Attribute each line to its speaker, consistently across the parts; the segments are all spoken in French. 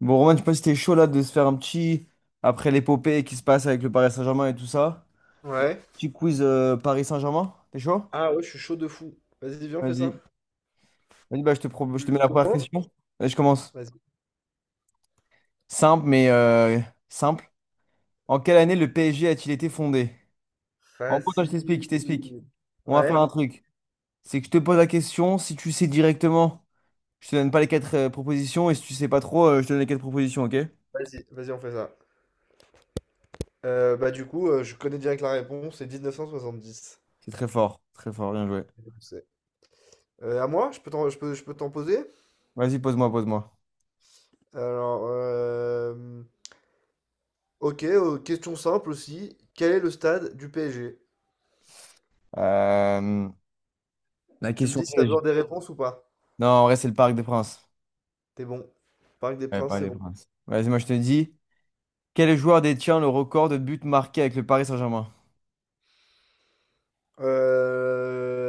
Speaker 1: Bon, Romain, je sais pas si t'es chaud là de se faire un petit, après l'épopée qui se passe avec le Paris Saint-Germain et tout ça,
Speaker 2: Ouais.
Speaker 1: petit quiz Paris Saint-Germain, t'es chaud?
Speaker 2: Ah ouais, je suis chaud de fou. Vas-y, viens, on fait ça.
Speaker 1: Vas-y. Vas-y, bah, je te
Speaker 2: Je
Speaker 1: mets la première
Speaker 2: commence.
Speaker 1: question. Allez, je commence.
Speaker 2: Vas-y.
Speaker 1: Simple, mais simple. En quelle année le PSG a-t-il été fondé? En gros, attends, je t'explique, je t'explique.
Speaker 2: Facile.
Speaker 1: On va faire
Speaker 2: Ouais.
Speaker 1: un truc. C'est que je te pose la question, si tu sais directement, je te donne pas les quatre propositions, et si tu sais pas trop, je te donne les quatre propositions, ok?
Speaker 2: Vas-y, on fait ça. Bah du coup, je connais direct la réponse, c'est 1970.
Speaker 1: C'est très fort, bien joué.
Speaker 2: C'est- à moi, je peux t'en poser?
Speaker 1: Vas-y, pose-moi, pose-moi.
Speaker 2: Alors, ok, question simple aussi. Quel est le stade du PSG?
Speaker 1: Euh, la
Speaker 2: Tu me
Speaker 1: question
Speaker 2: dis si t'as
Speaker 1: piège.
Speaker 2: besoin des réponses ou pas.
Speaker 1: Non, en vrai, c'est le Parc des Princes.
Speaker 2: T'es bon. Parc des
Speaker 1: Ouais,
Speaker 2: Princes,
Speaker 1: Paris
Speaker 2: c'est
Speaker 1: des
Speaker 2: bon.
Speaker 1: Princes. Vas-y, moi, je te dis. Quel joueur détient le record de buts marqués avec le Paris Saint-Germain?
Speaker 2: Heu,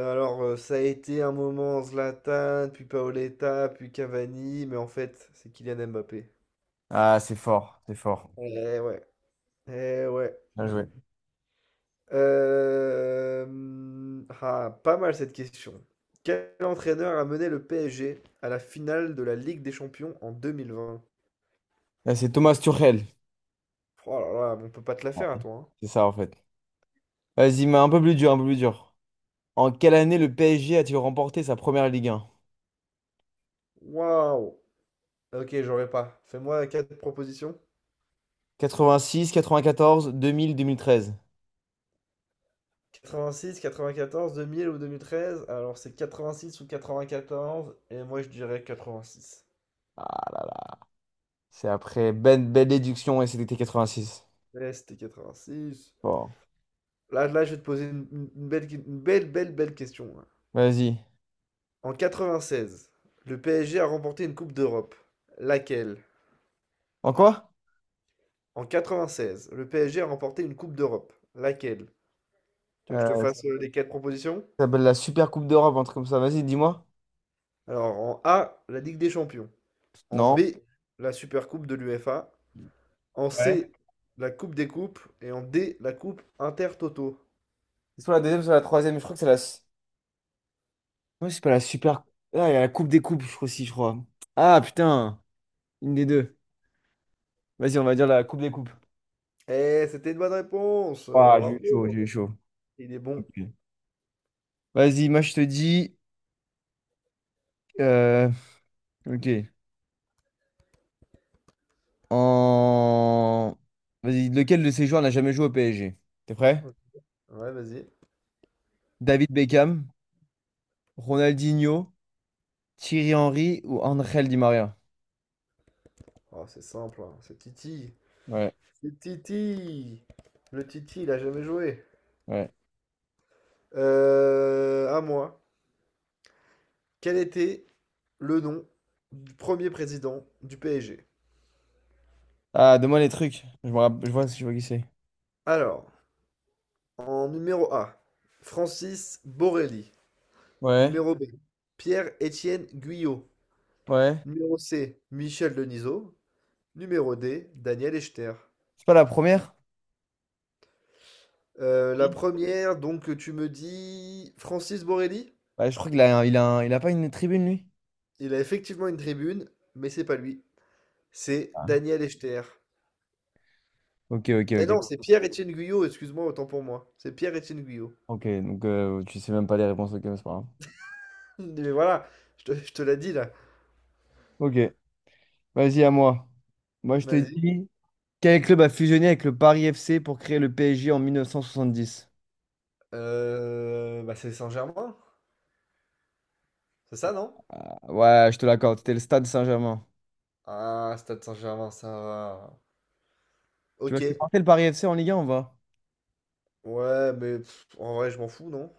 Speaker 2: alors, ça a été un moment Zlatan, puis Paoletta, puis Cavani, mais en fait, c'est Kylian Mbappé.
Speaker 1: Ah, c'est fort, c'est fort.
Speaker 2: Ouais. Eh ouais, eh ouais.
Speaker 1: Bien joué.
Speaker 2: Ah, pas mal cette question. Quel entraîneur a mené le PSG à la finale de la Ligue des Champions en 2020?
Speaker 1: Là, c'est Thomas Tuchel.
Speaker 2: Oh là là, on peut pas te la faire à toi, hein.
Speaker 1: C'est ça, en fait. Vas-y, mais un peu plus dur, un peu plus dur. En quelle année le PSG a-t-il remporté sa première Ligue 1?
Speaker 2: Waouh! OK, j'aurais pas. Fais-moi 4 propositions.
Speaker 1: 86, 94, 2000, 2013.
Speaker 2: 86, 94, 2000 ou 2013. Alors c'est 86 ou 94. Et moi je dirais 86.
Speaker 1: Ah là là. C'est après belle, belle déduction et c'était 86.
Speaker 2: Ouais, c'était 86.
Speaker 1: Bon,
Speaker 2: Là, là, je vais te poser une belle, belle, belle question, hein.
Speaker 1: vas-y.
Speaker 2: En 96, le PSG a remporté une Coupe d'Europe. Laquelle?
Speaker 1: En quoi?
Speaker 2: En 96, le PSG a remporté une Coupe d'Europe. Laquelle? Tu veux que je te
Speaker 1: Euh,
Speaker 2: fasse les quatre propositions?
Speaker 1: Ça s'appelle la Super Coupe d'Europe, un truc comme ça. Vas-y, dis-moi.
Speaker 2: Alors, en A, la Ligue des Champions. En B,
Speaker 1: Non.
Speaker 2: la Super Coupe de l'UEFA. En
Speaker 1: Ouais.
Speaker 2: C, la coupe des coupes. Et en D, la coupe intertoto.
Speaker 1: C'est soit la deuxième, soit la troisième. Je crois que c'est la. Ouais, c'est pas la super. Ah, il y a la Coupe des Coupes, je crois aussi, je crois. Ah, putain, une des deux. Vas-y, on va dire la Coupe des Coupes.
Speaker 2: Eh, c'était une bonne réponse,
Speaker 1: Ah, j'ai
Speaker 2: bravo.
Speaker 1: eu chaud, j'ai eu chaud.
Speaker 2: Il est bon.
Speaker 1: Ok. Vas-y, moi, je te dis. euh, Ok. En. Vas-y, lequel de ces joueurs n'a jamais joué au PSG? T'es prêt?
Speaker 2: Ouais, vas-y.
Speaker 1: David Beckham, Ronaldinho, Thierry Henry ou Angel Di Maria?
Speaker 2: Oh, c'est simple, hein, c'est Titi.
Speaker 1: Ouais,
Speaker 2: C'est Titi. Le Titi, il a jamais joué.
Speaker 1: ouais.
Speaker 2: À moi. Quel était le nom du premier président du PSG?
Speaker 1: Ah, donne-moi les trucs. Je vois qui c'est.
Speaker 2: Alors, en numéro A, Francis Borelli.
Speaker 1: Ouais,
Speaker 2: Numéro B, Pierre-Étienne Guyot.
Speaker 1: ouais.
Speaker 2: Numéro C, Michel Denisot. Numéro D, Daniel Echter.
Speaker 1: C'est pas la première?
Speaker 2: La première, donc tu me dis Francis Borelli?
Speaker 1: Ouais, je crois qu'il a, il a, un- il a pas une tribune, lui.
Speaker 2: Il a effectivement une tribune, mais c'est pas lui. C'est
Speaker 1: Ah.
Speaker 2: Daniel Echter.
Speaker 1: Ok, ok,
Speaker 2: Eh
Speaker 1: ok.
Speaker 2: non, c'est Pierre-Étienne Guyot, excuse-moi, autant pour moi. C'est Pierre-Étienne Guyot.
Speaker 1: Ok, donc tu sais même pas les réponses, ok, mais c'est pas grave.
Speaker 2: Mais voilà, je te l'ai dit là.
Speaker 1: Ok, vas-y, à moi. Moi, je te
Speaker 2: Vas-y.
Speaker 1: dis, quel club a fusionné avec le Paris FC pour créer le PSG en 1970?
Speaker 2: Bah c'est Saint-Germain, c'est ça, non?
Speaker 1: Ah, ouais, je te l'accorde, c'était le Stade Saint-Germain.
Speaker 2: Ah, Stade Saint-Germain, ça va.
Speaker 1: Tu vois,
Speaker 2: Ok.
Speaker 1: tu portais le Paris FC en Ligue 1, on va?
Speaker 2: Ouais, mais pff, en vrai, je m'en fous, non?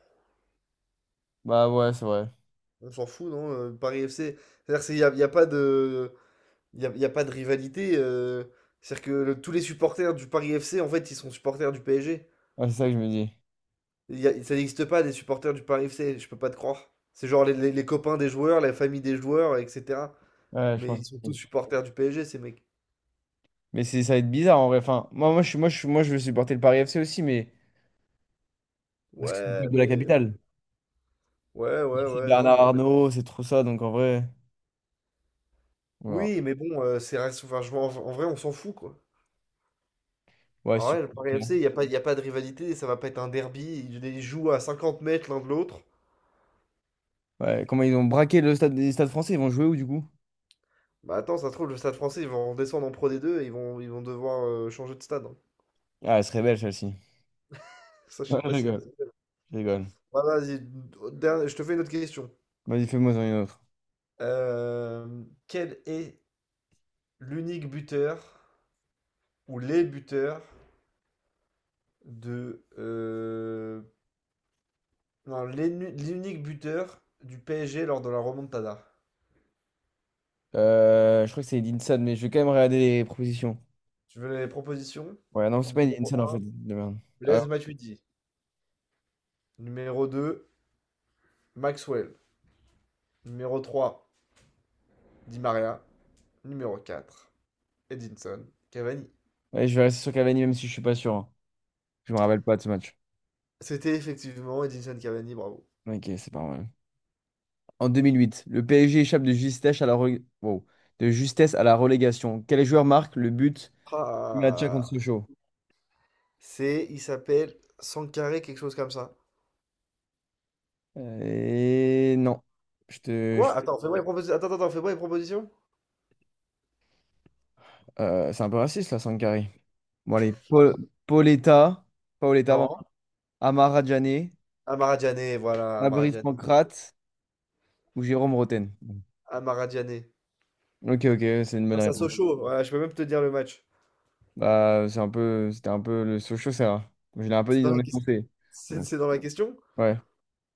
Speaker 1: Bah ouais, c'est vrai.
Speaker 2: On s'en fout, non? Paris FC. C'est-à-dire qu'il n'y a, il y a pas de. Y a pas de rivalité. C'est-à-dire que tous les supporters du Paris FC, en fait, ils sont supporters du PSG.
Speaker 1: Ouais, c'est ça que je me dis.
Speaker 2: Ça n'existe pas des supporters du Paris FC, je peux pas te croire. C'est genre les copains des joueurs, la famille des joueurs, etc.
Speaker 1: Ouais, je
Speaker 2: Mais
Speaker 1: pense
Speaker 2: ils sont tous
Speaker 1: aussi.
Speaker 2: supporters du PSG, ces mecs.
Speaker 1: Mais c'est, ça va être bizarre en vrai. Enfin, moi, je veux supporter le Paris FC aussi, mais parce que c'est une
Speaker 2: Ouais,
Speaker 1: équipe de la
Speaker 2: mais.
Speaker 1: capitale.
Speaker 2: Ouais, ouais,
Speaker 1: C'est
Speaker 2: ouais, non,
Speaker 1: Bernard
Speaker 2: mais.
Speaker 1: Arnault, c'est trop ça, donc en vrai. Voilà.
Speaker 2: Oui, mais bon, enfin, en vrai, on s'en fout, quoi.
Speaker 1: Ouais,
Speaker 2: En
Speaker 1: super.
Speaker 2: vrai, le Paris FC, il y a pas de rivalité, ça va pas être un derby. Ils jouent à 50 mètres l'un de l'autre.
Speaker 1: Ouais, comment ils ont braqué le stade des stades français, ils vont jouer où du coup?
Speaker 2: Bah attends, ça se trouve, le stade français, ils vont redescendre en Pro D2 et ils vont devoir changer de stade.
Speaker 1: Ah, elle serait belle celle-ci.
Speaker 2: Ça, je
Speaker 1: Ouais,
Speaker 2: sais
Speaker 1: je
Speaker 2: pas si elle.
Speaker 1: rigole, je rigole.
Speaker 2: Bah, vas-y, je te fais une autre question.
Speaker 1: Vas-y, fais-moi en une autre.
Speaker 2: Quel est l'unique buteur ou les buteurs de non, l'unique buteur du PSG lors de la remontada?
Speaker 1: Je crois que c'est Edinson, Sad, mais je vais quand même regarder les propositions.
Speaker 2: Tu veux les propositions?
Speaker 1: Ouais, non, c'est pas Edinson
Speaker 2: Numéro
Speaker 1: Sad en
Speaker 2: un,
Speaker 1: fait. De merde. Ah,
Speaker 2: Blaise Matuidi. Numéro deux, Maxwell. Numéro trois, Di Maria. Numéro quatre, Edinson Cavani.
Speaker 1: ouais, ouais, je vais rester sur Cavani même si je suis pas sûr, hein. Je me rappelle pas de ce match.
Speaker 2: C'était effectivement Edinson Cavani, bravo.
Speaker 1: Ok, c'est pas mal. En 2008, le PSG échappe de justesse à la re- wow. de justesse à la relégation. Quel joueur marque le but du match
Speaker 2: Ah,
Speaker 1: contre Sochaux?
Speaker 2: c'est, il s'appelle Sankaré, quelque chose comme ça.
Speaker 1: Et non. Je te... je-
Speaker 2: Quoi? Je Attends, fais-moi une proposition. Attends, attends, fais-moi une proposition.
Speaker 1: c'est un peu raciste là, Sankari. Bon, allez,
Speaker 2: Non, mais-
Speaker 1: Pauletta, Paoletta, pardon.
Speaker 2: Non.
Speaker 1: Amara Djane,
Speaker 2: Amara, voilà, Amara
Speaker 1: Fabrice
Speaker 2: Diané.
Speaker 1: Pancrate ou Jérôme Roten.
Speaker 2: Amara Diané.
Speaker 1: Ok, ok, c'est une bonne
Speaker 2: Face à
Speaker 1: réponse.
Speaker 2: Sochaux, voilà, je peux même te dire le match.
Speaker 1: Bah, c'est un peu, c'était un peu le Sochaux, c'est. Je l'ai un peu
Speaker 2: C'est
Speaker 1: dit
Speaker 2: dans
Speaker 1: dans
Speaker 2: la
Speaker 1: les
Speaker 2: question.
Speaker 1: pensées. Bon,
Speaker 2: C'est dans la question?
Speaker 1: ouais,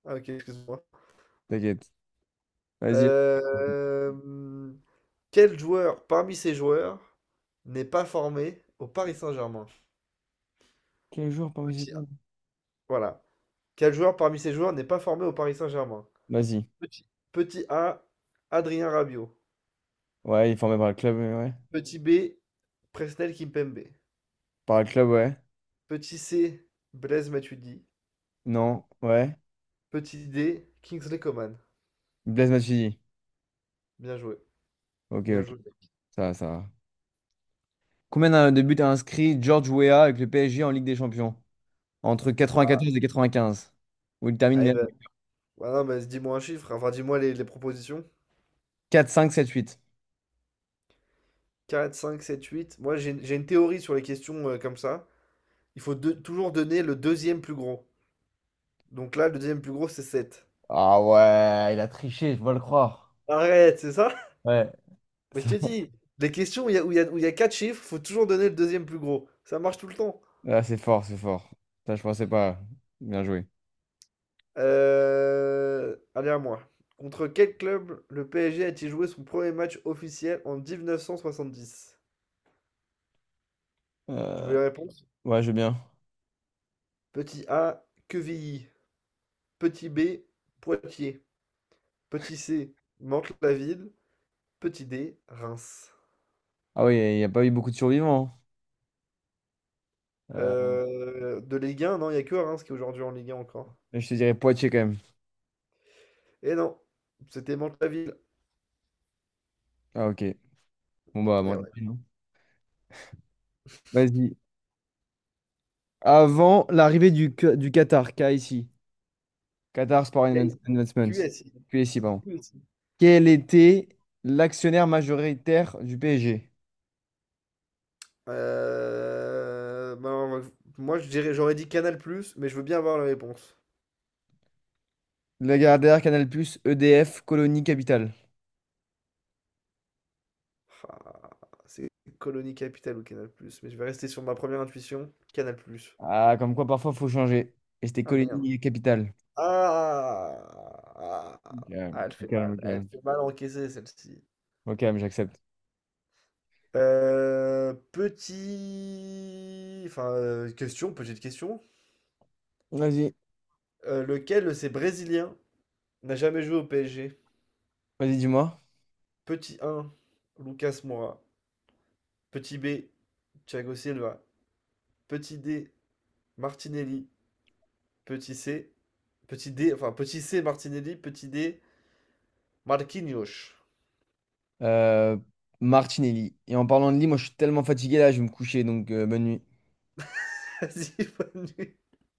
Speaker 2: Ah, ok, excuse-moi.
Speaker 1: t'inquiète. Vas-y.
Speaker 2: Euh, Quel joueur parmi ces joueurs n'est pas formé au Paris Saint-Germain?
Speaker 1: Quel jour parmi ces
Speaker 2: Petit A.
Speaker 1: clubs?
Speaker 2: Voilà. Quel joueur parmi ces joueurs n'est pas formé au Paris Saint-Germain?
Speaker 1: Vas-y.
Speaker 2: Petit A, Adrien Rabiot.
Speaker 1: Ouais, il est formé par le club, ouais.
Speaker 2: Petit B, Presnel Kimpembe.
Speaker 1: Par le club, ouais.
Speaker 2: Petit C, Blaise Matuidi.
Speaker 1: Non, ouais.
Speaker 2: Petit D, Kingsley Coman.
Speaker 1: Blaise Matuidi.
Speaker 2: Bien joué.
Speaker 1: Ok,
Speaker 2: Bien
Speaker 1: ok.
Speaker 2: joué.
Speaker 1: Ça va, ça va. Combien de buts a inscrit George Weah avec le PSG en Ligue des Champions? Entre
Speaker 2: Ah,
Speaker 1: 94 et 95. Où il
Speaker 2: allez,
Speaker 1: termine
Speaker 2: bah, bah non, mais dis-moi un chiffre. Enfin, dis-moi les propositions.
Speaker 1: quatre, cinq, sept, huit.
Speaker 2: Quatre, cinq, sept, huit. Moi, j'ai une théorie sur les questions comme ça. Toujours donner le deuxième plus gros. Donc là, le deuxième plus gros, c'est 7.
Speaker 1: Ah ouais, il a triché, je dois le croire.
Speaker 2: Arrête, c'est ça?
Speaker 1: Ouais.
Speaker 2: Mais je te dis, les questions où il y a 4 chiffres, faut toujours donner le deuxième plus gros. Ça marche tout le temps.
Speaker 1: Là c'est fort, c'est fort. Ça, je pensais pas. Bien joué.
Speaker 2: Allez à moi. Contre quel club le PSG a-t-il joué son premier match officiel en 1970? Tu veux
Speaker 1: Euh,
Speaker 2: la réponse?
Speaker 1: ouais, je veux bien.
Speaker 2: Petit A, Quevilly. Petit B, Poitiers. Petit C, Mantes-la-Ville. Petit D, Reims.
Speaker 1: Ah oui, il n'y a pas eu beaucoup de survivants, hein.
Speaker 2: De Ligue 1, non, il n'y a que Reims qui est aujourd'hui en Ligue 1 encore.
Speaker 1: Je te dirais Poitiers quand même.
Speaker 2: Et non, c'était Mantes-la-Ville.
Speaker 1: Ah ok. Bon bah,
Speaker 2: Et
Speaker 1: bon, tant
Speaker 2: ouais.
Speaker 1: pis, non. Vas-y. Avant l'arrivée du Qatar, K ici. Qatar Sport
Speaker 2: Quel-
Speaker 1: Investments.
Speaker 2: QSI.
Speaker 1: QSI,
Speaker 2: C'est
Speaker 1: pardon.
Speaker 2: QSI.
Speaker 1: Quel était l'actionnaire majoritaire du PSG?
Speaker 2: Ben, moi, j'aurais dit Canal+, mais je veux bien avoir la réponse.
Speaker 1: Lagardère, Canal+, EDF, Colonie Capital.
Speaker 2: Enfin, c'est Colonie Capitale ou Canal+, mais je vais rester sur ma première intuition, Canal+.
Speaker 1: Ah, comme quoi parfois faut changer. Et c'était
Speaker 2: Ah merde.
Speaker 1: colonie capitale.
Speaker 2: Ah,
Speaker 1: Calme,
Speaker 2: ah,
Speaker 1: au calme, au
Speaker 2: elle
Speaker 1: calme.
Speaker 2: fait mal encaisser celle-ci.
Speaker 1: Au calme, j'accepte.
Speaker 2: Enfin, petite question.
Speaker 1: Vas-y,
Speaker 2: Lequel de ces Brésiliens n'a jamais joué au PSG?
Speaker 1: vas-y, dis-moi.
Speaker 2: Petit 1, Lucas Moura. Petit B, Thiago Silva. Petit D, Martinelli. Petit C, Petit C, Martinelli. Petit D, Marquinhos.
Speaker 1: Euh, Martinelli. Et en parlant de lit, moi je suis tellement fatigué là, je vais me coucher, donc bonne nuit.
Speaker 2: Vas-y, bonne nuit.